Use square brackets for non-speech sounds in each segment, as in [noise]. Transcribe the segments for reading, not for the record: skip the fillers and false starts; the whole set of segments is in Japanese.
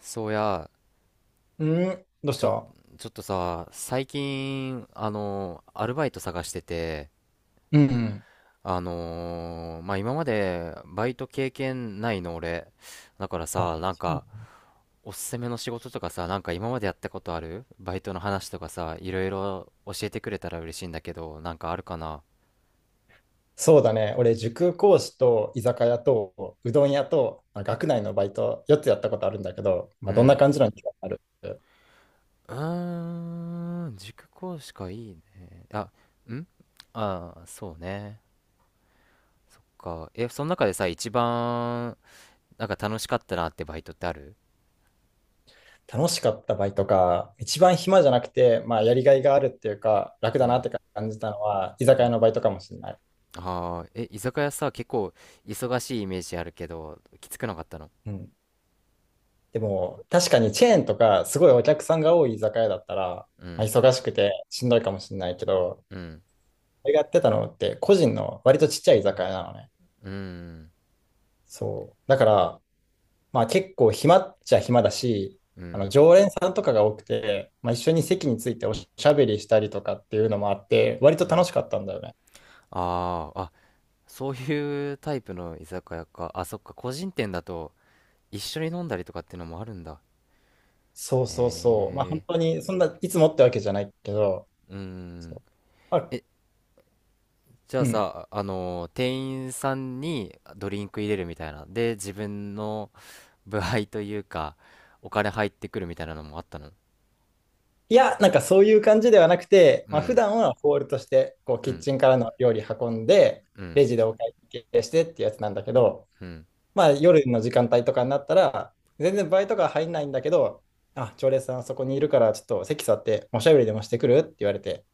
そうや、うん、どうしちょ、た。ちょっとさ、最近、アルバイト探してて、うん。まあ、今までバイト経験ないの俺。だからあ、さ、なんそうか、おすすめの仕事とかさ、なんか今までやったことあるバイトの話とかさ、いろいろ教えてくれたら嬉しいんだけど、なんかあるかな？だね。俺、塾講師と居酒屋とうどん屋と、まあ、学内のバイト4つやったことあるんだけど、まうあ、どんなん。感じなのにある。うーん、塾講師かいいね。あ。ん。ああー、そうね。え、その中でさ、一番、なんか楽しかったなってバイトってある？楽しかったバイトか、一番暇じゃなくて、まあ、やりがいがあるっていうか、楽うだなっん。て感じたのは、居う酒屋ん。のバイトかもしれない。ああ。え、居酒屋さ、結構忙しいイメージあるけど、きつくなかったの？うん。でも、確かにチェーンとか、すごいお客さんが多い居酒屋だったら、うまあ、ん。忙しくてしんどいかもしれないけど、うん。俺がやってたのって、個人の割とちっちゃい居酒屋なのね。うん。そう。だから、まあ結構暇っちゃ暇だし、うあん。の常連さんとかが多くて、まあ、一緒に席についておしゃべりしたりとかっていうのもあって、割とう楽ん。しかったんだよね。ああー。あ、そういうタイプの居酒屋か。あ、そっか、個人店だと一緒に飲んだりとかっていうのもあるんだ。そうへそうそう。まあ本え。当に、そんな、いつもってわけじゃないけど、うそん。う、まあ、え、じゃあうん。さ、あの、店員さんにドリンク入れるみたいなで自分の部配というか、お金入ってくるみたいなのもあったの？いや、なんかそういう感じではなくて、うまあ普ん、段はホールとして、こう、うキッん、チンからの料理運んで、うん、レジでお会計してってやつなんだけど、うん。まあ夜の時間帯とかになったら、全然バイトが入んないんだけど、あ、常連さんあそこにいるからちょっと席座っておしゃべりでもしてくるって言われて、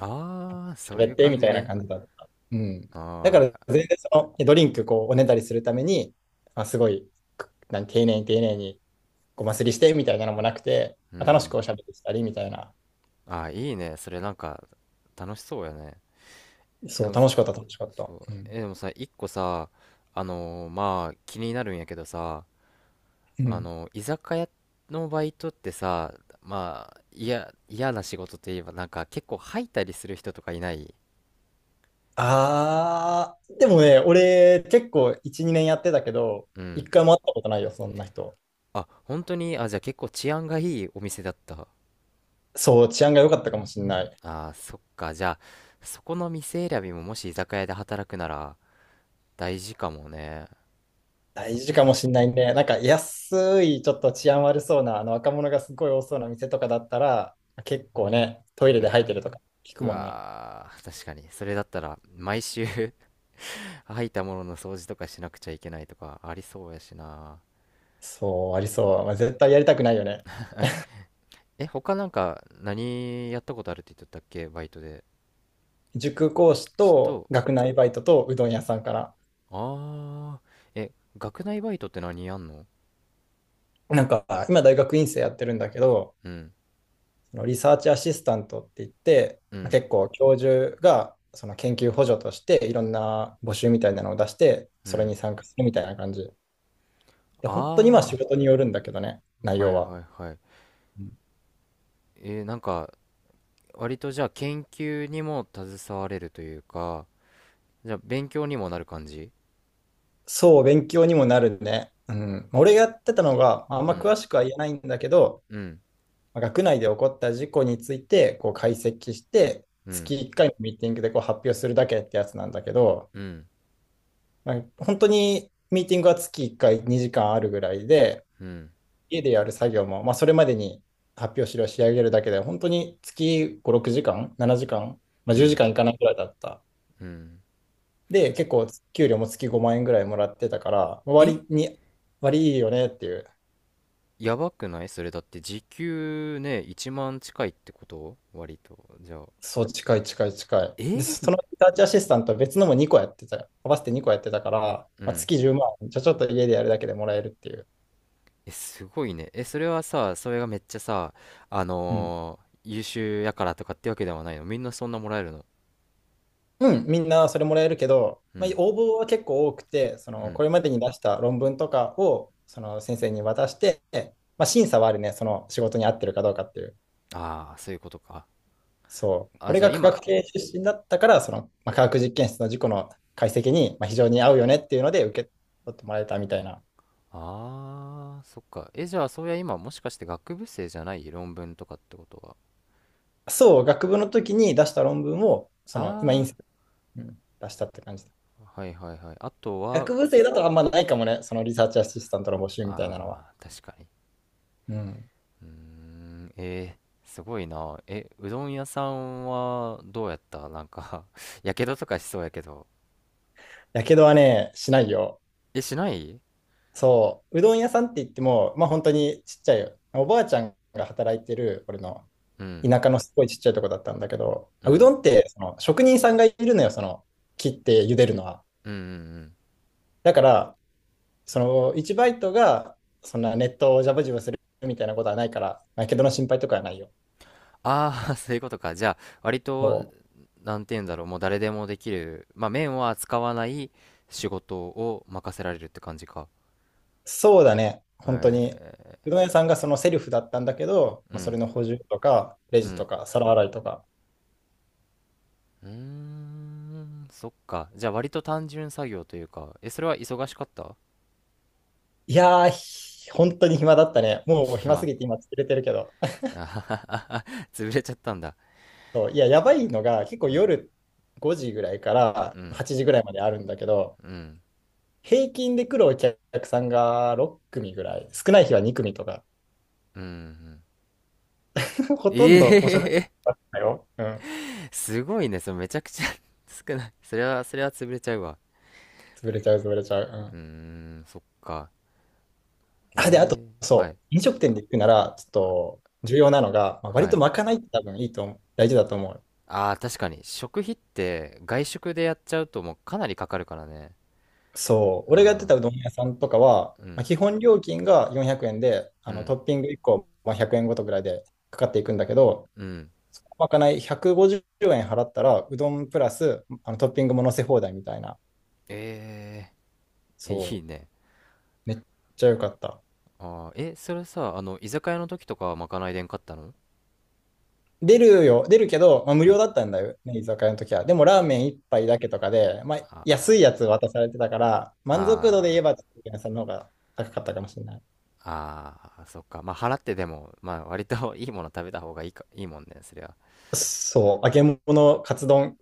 ああ、そうい喋っうて感みじたいなね。感じだった。うん。だかあらあ、全然そのドリンクこうおねだりするために、まあ、すごい、くなん丁寧に丁寧にごますりしてみたいなのもなくて、うまあ楽しくん。おしゃべりしたりみたいな。ああ、いいね。それなんか、楽しそうやね。でそう、も、そ楽しかった、楽しかった。そう。うん。え、でもさ、一個さ、まあ、気になるんやけどさ、うん。居酒屋のバイトってさ、まあ、いや、嫌な仕事といえば、なんか結構吐いたりする人とかいない？あー、でもね、俺結構1、2年やってたけど、う一ん。回も会ったことないよ、そんな人。あ、本当に？あ、じゃあ結構治安がいいお店だった。そう、治安が良かったかもしれない。ああ、そっか。じゃあ、そこの店選びももし居酒屋で働くなら大事かもね。そ大っ事かもか。しれないね。なんか安い、ちょっと治安悪そうな、あの若者がすごい多そうな店とかだったら、結構ね、トイレうで吐いわ。てるとか聞くうもんね。わー、確かに。それだったら、毎週 [laughs] 吐いたものの掃除とかしなくちゃいけないとかありそうやしな。そう、ありそう。まあ、絶対やりたくないよね。え、他なんか何やったことあるって言っとったっけバイトで。塾講師ちょっとと、学内バイトとうどん屋さんから。ああ、え、学内バイトって何やんの？なんか、今大学院生やってるんだけど、うん、そのリサーチアシスタントって言って、うまあん、結構教授がその研究補助としていろんな募集みたいなのを出して、うそれん。に参加するみたいな感じ。で、本当にまああ仕事によるんだけどね、内あ、は容いはは。いはい。うん。なんか、割とじゃあ研究にも携われるというか、じゃあ勉強にもなる感じ？そう、勉強にもなるね。うん。まあ俺がやってたのが、まああんうま詳ん、しくは言えないんだけど、うん、まあ学内で起こった事故についてこう解析して、うん、月1回のミーティングでこう発表するだけってやつなんだけど、うん、まあ本当にミーティングは月1回2時間あるぐらいで、うん、家でやる作業も、まあ、それまでに発表資料を仕上げるだけで、本当に月5、6時間、7時間、まあ、う10時ん、間いかないぐらいだった。うん。で、結構給料も月5万円ぐらいもらってたから、え、割に、割いいよねっていう。やばくないそれだって時給ね、1万近いってこと割と。じゃあ、そう、近い近い近い。え。で、そのリサーチアシスタントは別のも2個やってた、合わせて2個やってたから、うまあ、ん。月10万、じゃあちょっと家でやるだけでもらえるっていう。え、すごいね。え、それはさ、それがめっちゃさ、うん。優秀やからとかってわけではないのみんなそんなもらえるの？うん、みんなそれもらえるけど、うまあ、ん、応募は結構多くて、そうのこん。れまでに出した論文とかをその先生に渡して、まあ、審査はあるね、その仕事に合ってるかどうかっていう。ああ、そういうことか。そう。あ、俺じゃあが科今、学系出身だったから、その、まあ、科学実験室の事故の解析に、まあ、非常に合うよねっていうので受け取ってもらえたみたいな。ああ、そっか。え、じゃあ、そういや今、もしかして学部生じゃない論文とかってことは。そう、学部の時に出した論文を、その、今、イあンス、うん、出したって感じだ。あ、はいはいはい。あとは、学部生だとあんまないかもね、そのリサーチアシスタントの募集みたいなのは。あー確かに。うん。うーん、すごいな。え、うどん屋さんはどうやったなんか [laughs] やけどとかしそうやけど。やけどはね、しないよ。え、しない？そう、うどん屋さんって言っても、まあ本当にちっちゃいよ。おばあちゃんが働いてる、俺のうん、田舎のすごいちっちゃいとこだったんだけど、うあうん、どんってその職人さんがいるのよ、その切って茹でるのは。うん、うん、うん。だから、その1バイトがそんなネットをジャブジャブするみたいなことはないから、やけどの心配とかはないよ。ああ、[laughs] そういうことか。じゃあ、割そと、うなんて言うんだろう、もう誰でもできる、まあ、麺は使わない仕事を任せられるって感じか。そうだね、本当に。へ。うどん屋さんがそのセルフだったんだけど、うまあ、それん。の補充とか、レうジとん。か、皿洗いとか。うーん。そっか。じゃあ割と単純作業というか、え、それは忙しかった？ いやー、本当に暇だったね。[laughs] もう暇す暇？ぎて今疲れてるけど。[laughs] あははは [laughs] 潰れちゃったんだ。そういや、やばいのが結構夜5時ぐらいからうん。8時ぐらいまであるんだけど、うん。平均で来るお客さんが6組ぐらい、少ない日は2組とか、うん。うん。 [laughs] ほとんえどおしゃべりえ だったよ。うん。[laughs] すごいね。それめちゃくちゃ [laughs] 少ない。それは、それは潰れちゃうわ。潰れちゃう、潰れちゃう。ううーん。ん、そっか。あ、で、あと、ええ、はい。そう、飲食店で行くなら、ちょっと重要なのが、まあ、割はとい。まかないって多分いいと思う、大事だと思う。ああ、確かに。食費って外食でやっちゃうともうかなりかかるからね。そう、う俺がやってん、たうどん屋さんとかは、うまあ、ん、基本料金が400円で、うあのん、トッピング1個、まあ、100円ごとぐらいでかかっていくんだけど、うん。そのまかない150円払ったら、うどんプラスあのトッピングも乗せ放題みたいな。ええ、いそいう。ね。めっちゃ良かった。ああ、え、それさ、あの、居酒屋の時とかはまかないでんかったの？出るよ、出るけど、まあ、無う料ん。だったんだよね、居酒屋の時は。でもラーメン一杯だけとかで、まあ、安いあやつ渡されてたから、満足度で言あ、えあば、ちょっと屋さんの方が高かったかもしれない。あ、ああ、そっか。まあ、払ってでも、まあ、割と [laughs] いいもの食べた方がいいか、いいもんね、そりゃ。そう、揚げ物、カツ丼、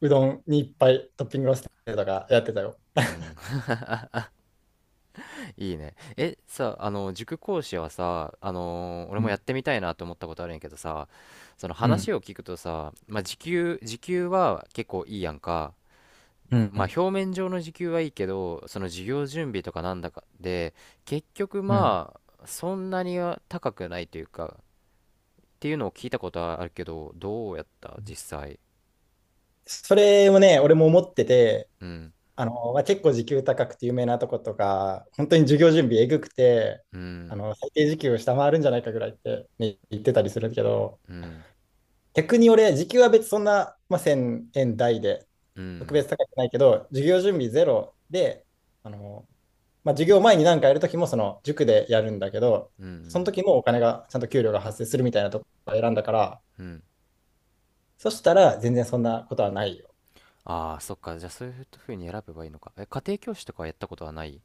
うどんにいっぱいトッピングをしてとかやってたよ。うん、[laughs] いいね。え、さ、あの、塾講師はさ、俺うもん。やってみたいなと思ったことあるんやけどさ、そのう話ん。を聞くとさ、まあ、時給は結構いいやんか。うまあん。表面上の時給はいいけど、その授業準備とかなんだかで、結局うん。まあ、そんなには高くないというか、っていうのを聞いたことはあるけど、どうやった実際。それをね、俺も思ってて、うん、あの、まあ、結構時給高くて有名なとことか、本当に授業準備えぐくて、うあん、の、最低時給を下回るんじゃないかぐらいって、ね、言ってたりするけど、うん、逆に俺、時給は別にそんな、まあ、1000円台で、う特ん、別高くないけど、授業準備ゼロで、あの、まあ、授業前に何かやるときも、その塾でやるんだけど、うそのん、時もお金が、ちゃんと給料が発生するみたいなところを選んだから、うん。そしたら全然そんなことはないよ。ああ、そっか。じゃあそういうふうに選べばいいのか。え、家庭教師とかはやったことはない？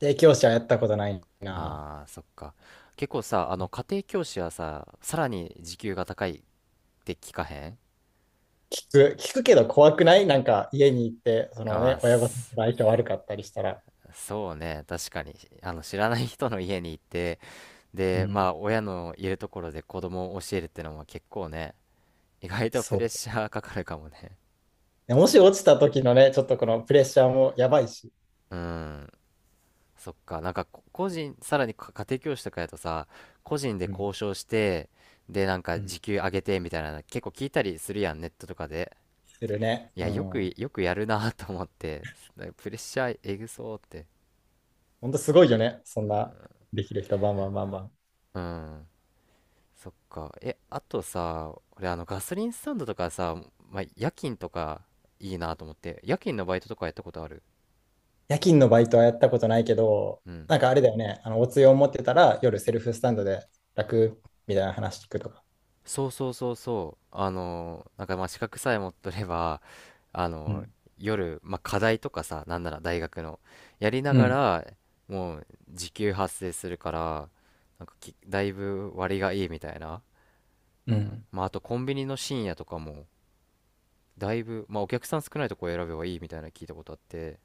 家庭教師はやったことないな。ああ、そっか。結構さ、あの、家庭教師はさ、さらに時給が高いって聞かへん？聞く、聞くけど怖くないなんか家に行って、そのああね、親御さんとー、相性悪かったりしたら。そうね、確かに、あの、知らない人の家に行って、うで、まん、あ、親のいるところで子供を教えるってのも結構ね、意外とプレッそシャーかかるかもね。う。もし落ちた時のね、ちょっとこのプレッシャーもやばいし、うん、そっか、なんか、こ個人、さらにか家庭教師とかやとさ、個人でうん、交渉して、で、なんか、うん、時給上げてみたいな結構聞いたりするやん、ネットとかで。するね。いうや、よく、ん。よくやるなと思って、プレッシャーえぐそうって。ほんとすごいよね。そんな、できる人バンバンバンバン。うん。そっか。え、あとさ、俺あのガソリンスタンドとかさ、まあ、夜勤とかいいなと思って、夜勤のバイトとかやったことある？夜勤のバイトはやったことないけど、うん。なんかあれだよね、あのおつゆを持ってたら夜セルフスタンドで楽みたいな話聞くとか。そうそうそうそう。なんかまあ資格さえ持っとれば、あうのー、ん、夜、まあ、課題とかさ、なんなら大学の、やりなうがん、ら、もう時給発生するから、なんか、だいぶ割がいいみたいな。うん、まあ、あとコンビニの深夜とかも、だいぶ、まあ、お客さん少ないとこ選べばいいみたいなの聞いたことあって、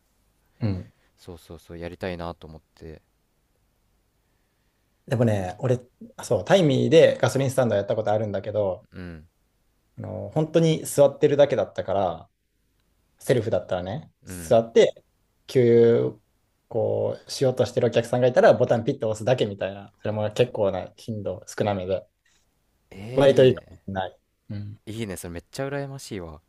うん。そうそうそう、やりたいなと思って。でもね、俺、あそう、タイミーでガソリンスタンドやったことあるんだけど、うん。あの、本当に座ってるだけだったから、セルフだったらね、うん。座って、給油、こう、しようとしてるお客さんがいたら、ボタンピッと押すだけみたいな、それも結構な頻度、少なめで、割いいといいかもしね。れない。うんいいね。それめっちゃ羨ましいわ。